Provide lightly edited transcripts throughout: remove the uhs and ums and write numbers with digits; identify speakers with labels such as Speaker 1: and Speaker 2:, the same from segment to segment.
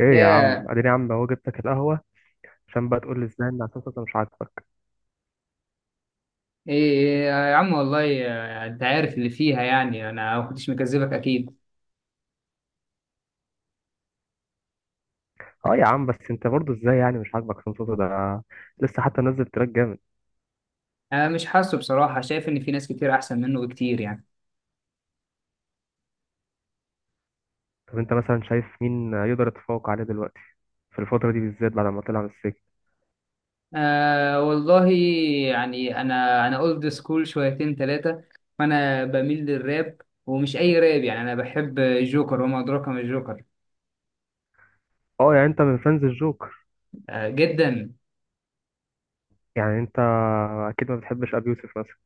Speaker 1: ايه يا عم،
Speaker 2: ياه.
Speaker 1: اديني يا عم، هو جبتك القهوه عشان بقى تقول لي ازاي ان عصام صوصه مش عاجبك؟
Speaker 2: إيه إيه يا عم، والله. انت عارف اللي فيها، يعني انا ما كنتش مكذبك اكيد.
Speaker 1: اه يا عم، بس انت برضو ازاي يعني مش عاجبك؟ عصام صوصه ده لسه حتى نزل تراك جامد.
Speaker 2: انا مش حاسه بصراحه، شايف ان في ناس كتير احسن منه بكتير يعني.
Speaker 1: طب انت مثلا شايف مين يقدر يتفوق عليه دلوقتي في الفتره دي بالذات بعد ما طلع من السجن؟
Speaker 2: آه والله. يعني انا اولد سكول شويتين ثلاثه، فانا بميل للراب. ومش اي راب، يعني انا بحب الجوكر وما ادراك ما الجوكر.
Speaker 1: اه يعني انت من فانز الجوكر.
Speaker 2: آه جدا.
Speaker 1: يعني انت اكيد ما بتحبش ابي يوسف مثلا؟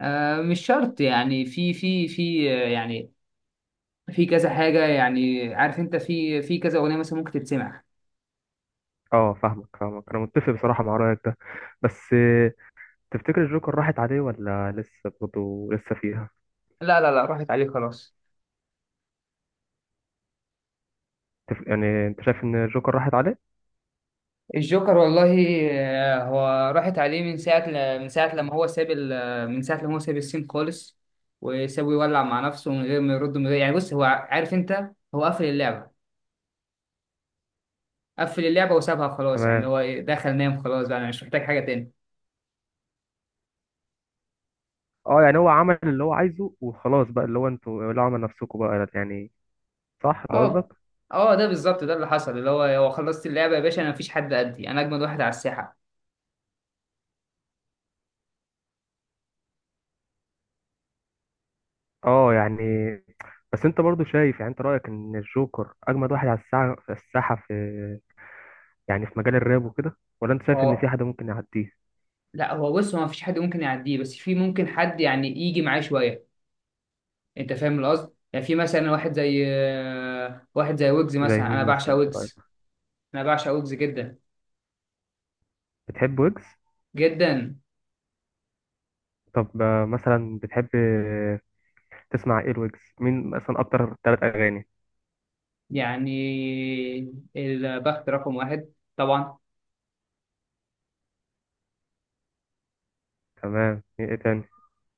Speaker 2: آه مش شرط، يعني في يعني في كذا حاجه، يعني عارف انت، في كذا اغنيه مثلا ممكن تتسمع.
Speaker 1: اه فاهمك فاهمك، انا متفق بصراحه مع رايك ده. بس تفتكر الجوكر راحت عليه ولا لسه برضو لسه فيها؟
Speaker 2: لا لا لا، راحت عليك خلاص.
Speaker 1: يعني انت شايف ان الجوكر راحت عليه؟
Speaker 2: الجوكر والله. هو راحت عليه من ساعة لما هو ساب السين خالص. وسابه يولع مع نفسه من غير ما يرد، من غير يعني، بص هو عارف انت، هو قفل اللعبة. قفل اللعبة وسابها خلاص، يعني اللي
Speaker 1: تمام.
Speaker 2: هو دخل نام خلاص، بقى انا مش محتاج حاجة تاني.
Speaker 1: اه يعني هو عمل اللي هو عايزه وخلاص بقى، اللي هو انتوا لعوا من نفسكم بقى يعني. صح ده
Speaker 2: اه.
Speaker 1: قصدك؟
Speaker 2: اه ده بالظبط، ده اللي حصل، اللي هو خلصت اللعبة يا باشا، انا مفيش حد قدي، انا اجمد واحد على الساحة.
Speaker 1: اه يعني، بس انت برضو شايف يعني، انت رأيك ان الجوكر اجمد واحد على الساعة في الساحة، يعني في مجال الراب وكده، ولا انت شايف ان
Speaker 2: اه،
Speaker 1: في حد ممكن يعديه؟
Speaker 2: لا، هو بص، هو مفيش حد ممكن يعديه، بس في ممكن حد يعني يجي معاه شوية. انت فاهم القصد، يعني في مثلا واحد زي واحد زي ويجز
Speaker 1: زي
Speaker 2: مثلا، انا
Speaker 1: مين
Speaker 2: بعشق
Speaker 1: مثلا من رأيك؟
Speaker 2: ويجز. انا بعشق ويجز جدا.
Speaker 1: بتحب ويجز؟
Speaker 2: جدا.
Speaker 1: طب، مثلا بتحب تسمع ايه الويجز؟ مين مثلا اكتر 3 اغاني؟
Speaker 2: يعني البخت رقم واحد، طبعا.
Speaker 1: تمام. ايه تاني؟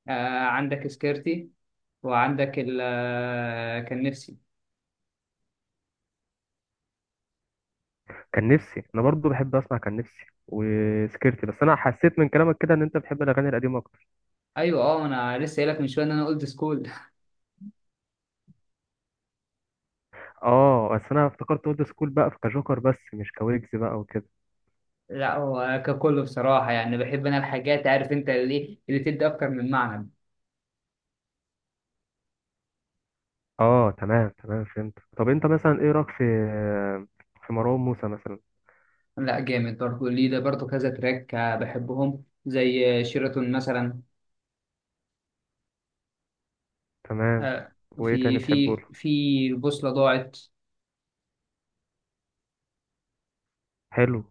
Speaker 2: آه، عندك سكيرتي، وعندك ال آه، كان نفسي.
Speaker 1: كان نفسي. انا برضو بحب اسمع كان نفسي وسكرتي، بس انا حسيت من كلامك كده ان انت بتحب الاغاني القديمة.
Speaker 2: ايوه، اه انا لسه قايلك من شويه ان انا اولد سكول.
Speaker 1: اه، بس انا افتكرت اولد سكول بقى في كجوكر بس مش كويجز بقى وكده.
Speaker 2: لا، هو ككل بصراحه يعني، بحب انا الحاجات عارف انت اللي اللي تدي اكتر من معنى.
Speaker 1: اه تمام تمام فهمت. طب انت مثلا ايه رايك في مروان موسى مثلا؟
Speaker 2: لا جامد برضه، ليه ده برضه كذا تراك، بحبهم، زي شيراتون مثلا.
Speaker 1: تمام.
Speaker 2: آه،
Speaker 1: وايه
Speaker 2: في
Speaker 1: تاني بتحبه
Speaker 2: في
Speaker 1: له؟
Speaker 2: في بوصلة ضاعت.
Speaker 1: حلو.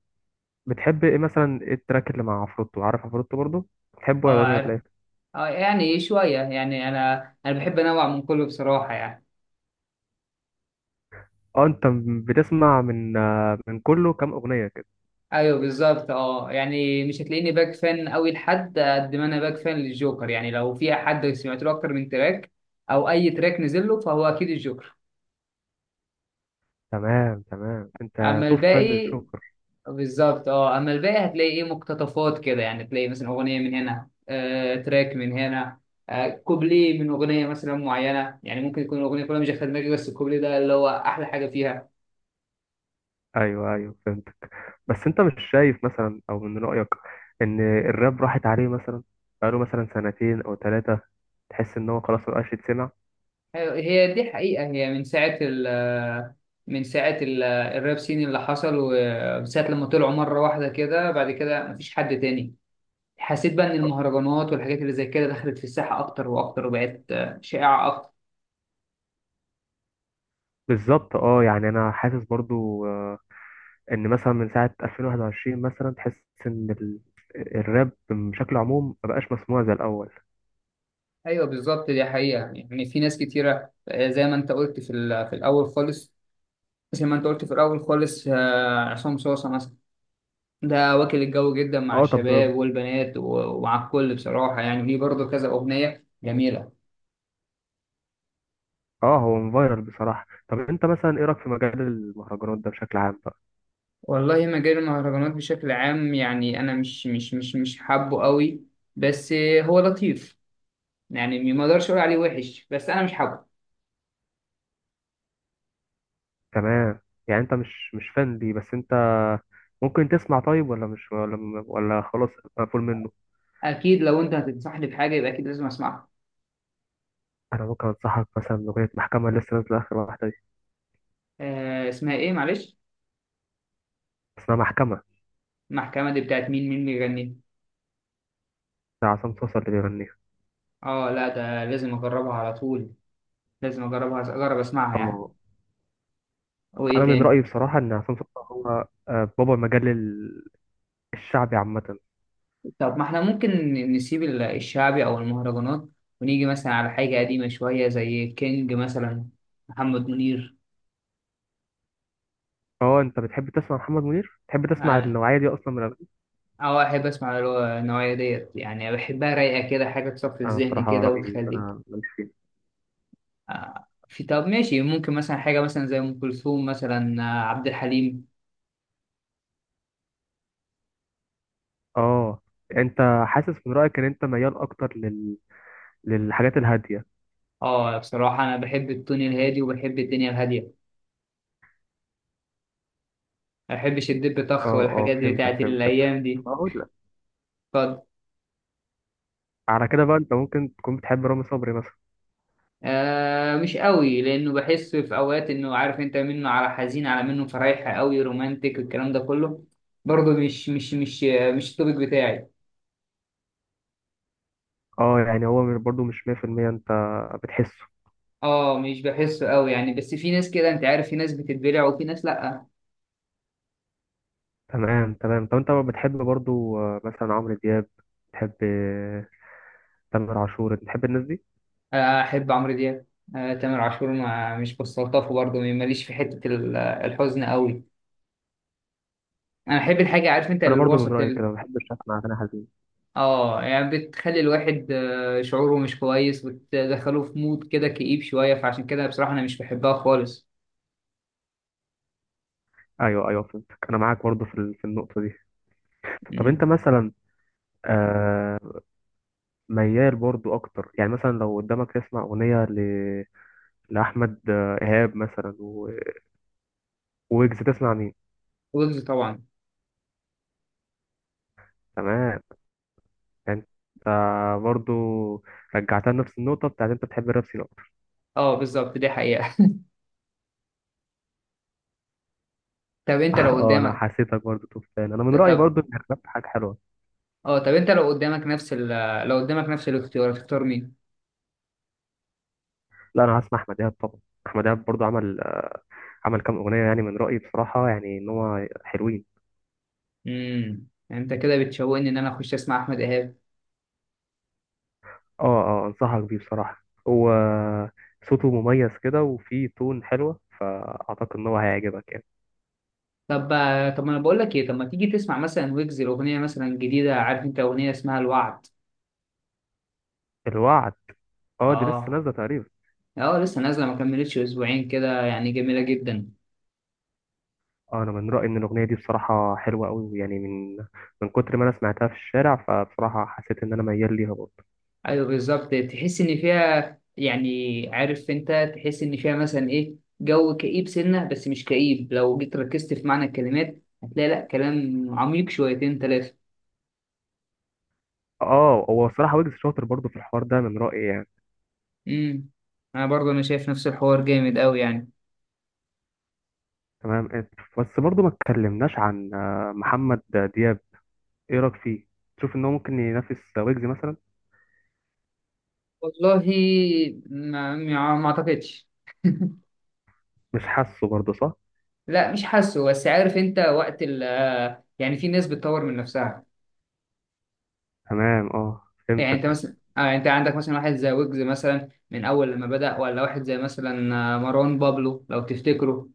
Speaker 1: بتحب ايه مثلا؟ ايه التراك اللي مع عفروتو؟ عارف عفروتو برضو؟ بتحبه ولا
Speaker 2: اه
Speaker 1: إيه ولا
Speaker 2: عارف.
Speaker 1: ايه؟
Speaker 2: اه يعني شوية، يعني انا بحب انوع من كله بصراحة يعني.
Speaker 1: اه، انت بتسمع من كله كام اغنيه كده؟
Speaker 2: ايوه بالظبط، اه يعني مش هتلاقيني باك فان قوي لحد قد ما انا باك فان للجوكر، يعني لو في حد سمعت له اكتر من تراك او اي تراك نزل له فهو اكيد الجوكر.
Speaker 1: تمام تمام، انت
Speaker 2: اما
Speaker 1: توب فان
Speaker 2: الباقي.
Speaker 1: للجوكر.
Speaker 2: بالظبط، اه اما الباقي هتلاقي ايه، مقتطفات كده، يعني تلاقي مثلا اغنيه من هنا، تراك من هنا، كوبليه من اغنيه مثلا معينه، يعني ممكن يكون الاغنيه كلها مش داخله دماغي بس الكوبليه ده اللي هو احلى حاجه فيها.
Speaker 1: ايوه ايوه فهمتك. بس انت مش شايف مثلا، او من رأيك، ان الراب راحت عليه مثلا بقاله مثلا 2 سنين او ثلاثة؟ تحس ان هو خلاص مبقاش يتسمع؟
Speaker 2: هي دي حقيقه، هي من ساعه ال آه، من ساعه الراب سين اللي حصل، وساعه لما طلعوا مره واحده كده، بعد كده مفيش حد تاني. حسيت بقى ان المهرجانات والحاجات اللي زي كده دخلت في الساحه اكتر واكتر، وبقت شائعه اكتر.
Speaker 1: بالظبط. اه يعني انا حاسس برضو، ان مثلا من ساعة 2021 مثلا تحس ان الراب بشكل عموم مبقاش مسموع زي الاول.
Speaker 2: ايوه بالظبط، دي حقيقه، يعني في ناس كتيره، زي ما انت قلت في الاول خالص، زي ما انت قلت في الاول خالص، عصام صوصه مثلا. ده واكل الجو جدا مع
Speaker 1: اه طب،
Speaker 2: الشباب والبنات ومع الكل بصراحه، يعني ليه برضه كذا اغنيه جميله.
Speaker 1: اه هو فايرال بصراحة. طب انت مثلا ايه رأيك في مجال المهرجانات ده بشكل عام بقى؟
Speaker 2: والله، مجال المهرجانات بشكل عام، يعني انا مش حابه قوي. بس هو لطيف، يعني ما اقدرش اقول عليه وحش، بس انا مش حابه.
Speaker 1: تمام. يعني انت مش فان دي، بس انت ممكن تسمع طيب، ولا مش، ولا ولا خلاص مقفول منه؟
Speaker 2: اكيد لو انت هتنصحني بحاجه يبقى اكيد لازم اسمعها.
Speaker 1: انا ممكن انصحك مثلا باغنيه محكمه، اللي لسه نازله اخر واحده دي.
Speaker 2: اسمها ايه معلش.
Speaker 1: اسمها محكمه.
Speaker 2: المحكمه دي بتاعت مين، مين بيغني؟
Speaker 1: بتاع عصام صوصه اللي بيغنيها.
Speaker 2: اه، لا ده لازم اجربها على طول. لازم اجربها، اجرب اسمعها يعني.
Speaker 1: اه،
Speaker 2: وايه
Speaker 1: انا من
Speaker 2: تاني.
Speaker 1: رايي بصراحه ان عصام صوصه هو، بابا المجال الشعبي عامه.
Speaker 2: طب ما احنا ممكن نسيب الشعبي او المهرجانات، ونيجي مثلا على حاجة قديمة شوية زي كينج مثلا، محمد منير.
Speaker 1: اه، انت بتحب تسمع محمد منير؟ بتحب تسمع
Speaker 2: يعني
Speaker 1: النوعيه دي اصلا من الأغاني؟
Speaker 2: اه، احب اسمع اللي هو النوعية ديت، يعني بحبها رايقة كده، حاجة تصفي
Speaker 1: انا
Speaker 2: الذهن
Speaker 1: بصراحه
Speaker 2: كده
Speaker 1: رايي ان
Speaker 2: وتخليك.
Speaker 1: انا ماليش فيه.
Speaker 2: آه في، طب ماشي، ممكن مثلا حاجة مثلا زي ام كلثوم مثلا، عبد الحليم.
Speaker 1: اه، انت حاسس من رايك ان انت ميال اكتر للحاجات الهاديه.
Speaker 2: اه بصراحة انا بحب التون الهادي وبحب الدنيا الهادية، ما بحبش الدب طخ
Speaker 1: اه اه
Speaker 2: والحاجات دي
Speaker 1: فهمتك
Speaker 2: بتاعت
Speaker 1: فهمتك.
Speaker 2: الايام دي.
Speaker 1: طب اقول لك،
Speaker 2: اتفضل.
Speaker 1: على كده بقى انت ممكن تكون بتحب رامي صبري مثلا.
Speaker 2: آه مش قوي، لانه بحس في اوقات انه عارف انت منه على حزين على منه فرايحة قوي رومانتك الكلام ده كله، برضه مش التوبيك بتاعي.
Speaker 1: اه يعني، هو برضو مش 100% انت بتحسه.
Speaker 2: اه مش بحسه قوي يعني، بس في ناس كده انت عارف، في ناس بتتبلع وفي ناس لا.
Speaker 1: تمام تمام. طب انت بتحب برضو، مثلا عمرو دياب؟ بتحب تامر عاشور؟ بتحب الناس دي؟
Speaker 2: احب عمرو دياب. آه، تامر عاشور ما مش بستلطفه برضه، ماليش في حتة الحزن قوي، انا احب الحاجة عارف انت
Speaker 1: انا برضو
Speaker 2: الوسط.
Speaker 1: من رايي كده، ما بحبش اسمع اغاني حزين.
Speaker 2: اه يعني بتخلي الواحد شعوره مش كويس، بتدخله في مود كده كئيب شوية، فعشان كده بصراحة أنا مش بحبها خالص.
Speaker 1: ايوه ايوه فهمتك. انا معاك برضو في النقطه دي. طب انت
Speaker 2: مم.
Speaker 1: مثلا، آه، ميال برضو اكتر، يعني مثلا لو قدامك تسمع اغنيه لاحمد ايهاب مثلا، ويجز، تسمع مين؟
Speaker 2: ويجز طبعا.
Speaker 1: تمام. يعني انت برضو رجعتها لنفس النقطه بتاعت انت بتحب الراب سين.
Speaker 2: اه بالظبط دي حقيقة. طب أنت لو
Speaker 1: اه، انا
Speaker 2: قدامك.
Speaker 1: حسيتك برضو تفان. انا من
Speaker 2: ده
Speaker 1: رايي
Speaker 2: طب،
Speaker 1: برضو ان الراب حاجه حلوه.
Speaker 2: اه طب أنت لو قدامك نفس لو قدامك نفس الاختيار هتختار مين؟
Speaker 1: لا انا هسمع احمد دهب طبعا. احمد دهب برضو عمل، كام اغنيه يعني من رايي بصراحه، يعني ان هو حلوين.
Speaker 2: أنت كده بتشوقني إن أنا أخش أسمع أحمد إيهاب.
Speaker 1: اه اه انصحك بيه بصراحه. هو صوته مميز كده وفيه تون حلوه، فاعتقد ان هو هيعجبك يعني.
Speaker 2: طب طب ما أنا بقول لك إيه، طب ما تيجي تسمع مثلا ويجز الأغنية مثلا جديدة، عارف أنت أغنية اسمها الوعد.
Speaker 1: الوعد. اه دي لسه
Speaker 2: اه.
Speaker 1: نازله تقريبا.
Speaker 2: اه لسه نازلة ما كملتش أسبوعين كده، يعني جميلة جدا.
Speaker 1: اه، انا من رايي ان الاغنيه دي بصراحه حلوه قوي، يعني من كتر ما انا سمعتها في الشارع، فبصراحه حسيت ان انا ميال ليها برضو.
Speaker 2: ايوه بالظبط، تحس ان فيها، يعني عارف انت تحس ان فيها مثلا ايه، جو كئيب سنه بس مش كئيب، لو جيت ركزت في معنى الكلمات هتلاقي لا كلام عميق شويتين ثلاثه.
Speaker 1: اه، هو بصراحه ويجز شاطر برضو في الحوار ده من رايي يعني.
Speaker 2: امم. انا برضه، انا شايف نفس الحوار جامد قوي يعني.
Speaker 1: تمام. بس برضه ما اتكلمناش عن محمد دياب. ايه رايك فيه؟ تشوف ان هو ممكن ينافس ويجز مثلا؟
Speaker 2: والله، ما اعتقدش.
Speaker 1: مش حاسه برضه، صح؟
Speaker 2: لا مش حاسه، بس عارف انت وقت ال آه، يعني في ناس بتطور من نفسها.
Speaker 1: تمام اه
Speaker 2: يعني انت
Speaker 1: فهمتك.
Speaker 2: مثلا آه، انت عندك مثلا واحد زي ويجز مثلا من اول لما بدأ، ولا واحد زي مثلا مروان بابلو لو تفتكروا،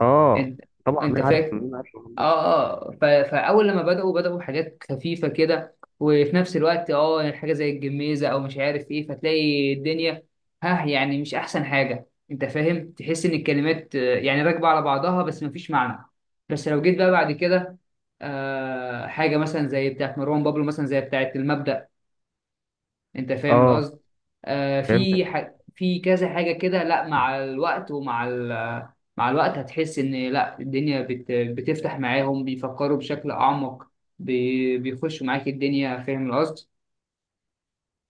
Speaker 1: اه
Speaker 2: انت
Speaker 1: طبعا.
Speaker 2: انت
Speaker 1: مين عارف،
Speaker 2: فاكر؟
Speaker 1: مين عارف محمد
Speaker 2: اه.
Speaker 1: دياب.
Speaker 2: اه فاول لما بداوا بحاجات خفيفه كده، وفي نفس الوقت اه يعني حاجه زي الجميزه او مش عارف ايه، فتلاقي الدنيا. ها يعني مش احسن حاجه، انت فاهم، تحس ان الكلمات يعني راكبه على بعضها بس مفيش معنى. بس لو جيت بقى بعد كده، آه، حاجه مثلا زي بتاعت مروان بابلو، مثلا زي بتاعت المبدأ، انت فاهم
Speaker 1: اه
Speaker 2: القصد. آه
Speaker 1: فهمتك
Speaker 2: في كذا حاجه كده، لا مع الوقت ومع ال... مع الوقت هتحس ان لا، الدنيا بتفتح معاهم، بيفكروا بشكل اعمق، بيخشوا معاك الدنيا، فاهم القصد.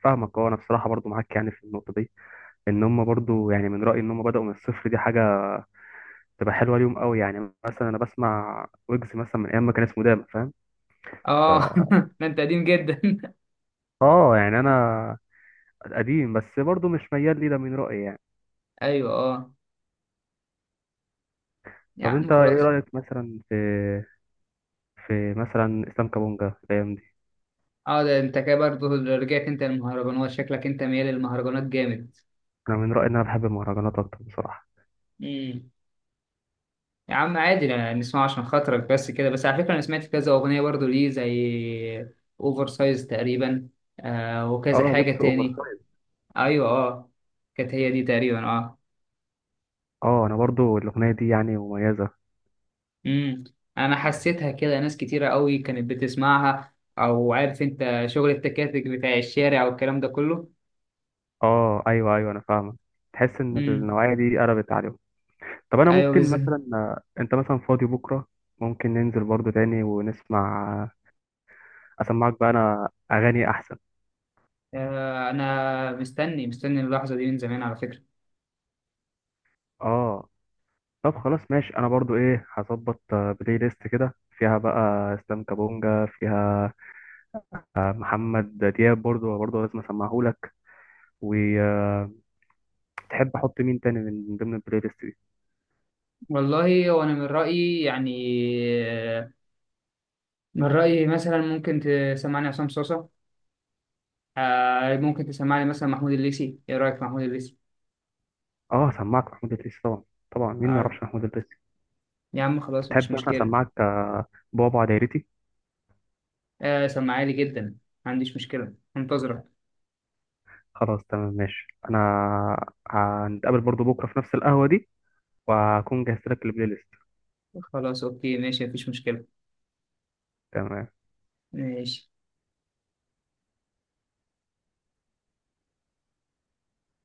Speaker 1: فاهمك. اه، انا بصراحه برضه معاك يعني في النقطه دي، ان هم برضه، يعني من رايي ان هم بداوا من الصفر. دي حاجه تبقى حلوه ليهم قوي، يعني مثلا انا بسمع ويجز مثلا من ايام ما كان اسمه داما، فاهم؟ ف
Speaker 2: اه. ده انت قديم جدا.
Speaker 1: اه يعني، انا قديم، بس برضه مش ميال لي ده من رايي يعني.
Speaker 2: ايوه اه، يا
Speaker 1: طب
Speaker 2: عم
Speaker 1: انت ايه
Speaker 2: خلاص.
Speaker 1: رأيك مثلا في مثلا اسلام كابونجا الايام دي؟
Speaker 2: اه ده انت كده برضه، رجعت انت المهرجانات، شكلك انت ميال للمهرجانات جامد.
Speaker 1: انا من رأيي ان انا بحب المهرجانات اكتر بصراحة.
Speaker 2: مم. يا عم عادي، نسمعه عشان خاطرك، بس كده، بس على فكرة أنا سمعت كذا أغنية برضو ليه زي أوفر سايز تقريبا، آه وكذا
Speaker 1: اه،
Speaker 2: حاجة
Speaker 1: لبس اوفر
Speaker 2: تاني.
Speaker 1: سايز.
Speaker 2: أيوة أه، كانت هي دي تقريبا، أه.
Speaker 1: اه، انا برضو الاغنية دي يعني مميزة.
Speaker 2: امم. أنا حسيتها كده ناس كتيرة قوي كانت بتسمعها، أو عارف أنت شغل التكاتك بتاع الشارع والكلام ده كله.
Speaker 1: اه ايوه ايوه انا فاهمك. تحس ان
Speaker 2: امم.
Speaker 1: النوعية دي قلبت عليهم؟ طب انا
Speaker 2: أيوة
Speaker 1: ممكن
Speaker 2: بالظبط.
Speaker 1: مثلا، انت مثلا فاضي بكرة؟ ممكن ننزل برضو تاني ونسمع. اسمعك بقى انا اغاني احسن.
Speaker 2: آه أنا مستني مستني اللحظة دي من زمان على فكرة.
Speaker 1: اه طب خلاص ماشي. انا برضو ايه، هظبط بلاي ليست كده، فيها بقى اسلام كابونجا، فيها محمد دياب، برضو لازم اسمعه لك، وتحب احط مين تاني من ضمن البلاي ليست دي؟
Speaker 2: والله، وأنا من رأيي يعني آه، من رأيي مثلا ممكن تسمعني عصام صوصة، آه ممكن تسمعني مثلا محمود الليثي. إيه رأيك في محمود الليثي؟
Speaker 1: اه سمعك محمود الدريسي طبعا. طبعا مين ما
Speaker 2: آه،
Speaker 1: يعرفش محمود الدريسي.
Speaker 2: يا عم خلاص
Speaker 1: تحب
Speaker 2: مفيش
Speaker 1: مثلا
Speaker 2: مشكلة.
Speaker 1: اسمعك بابا دايرتي؟
Speaker 2: آه سمعالي جدا، ما عنديش مشكلة انتظرك.
Speaker 1: خلاص تمام ماشي. انا هنتقابل برضو بكره في نفس القهوه دي، وهكون جهزت لك البلاي ليست.
Speaker 2: خلاص أوكي ماشي مفيش مشكلة.
Speaker 1: تمام.
Speaker 2: ماشي.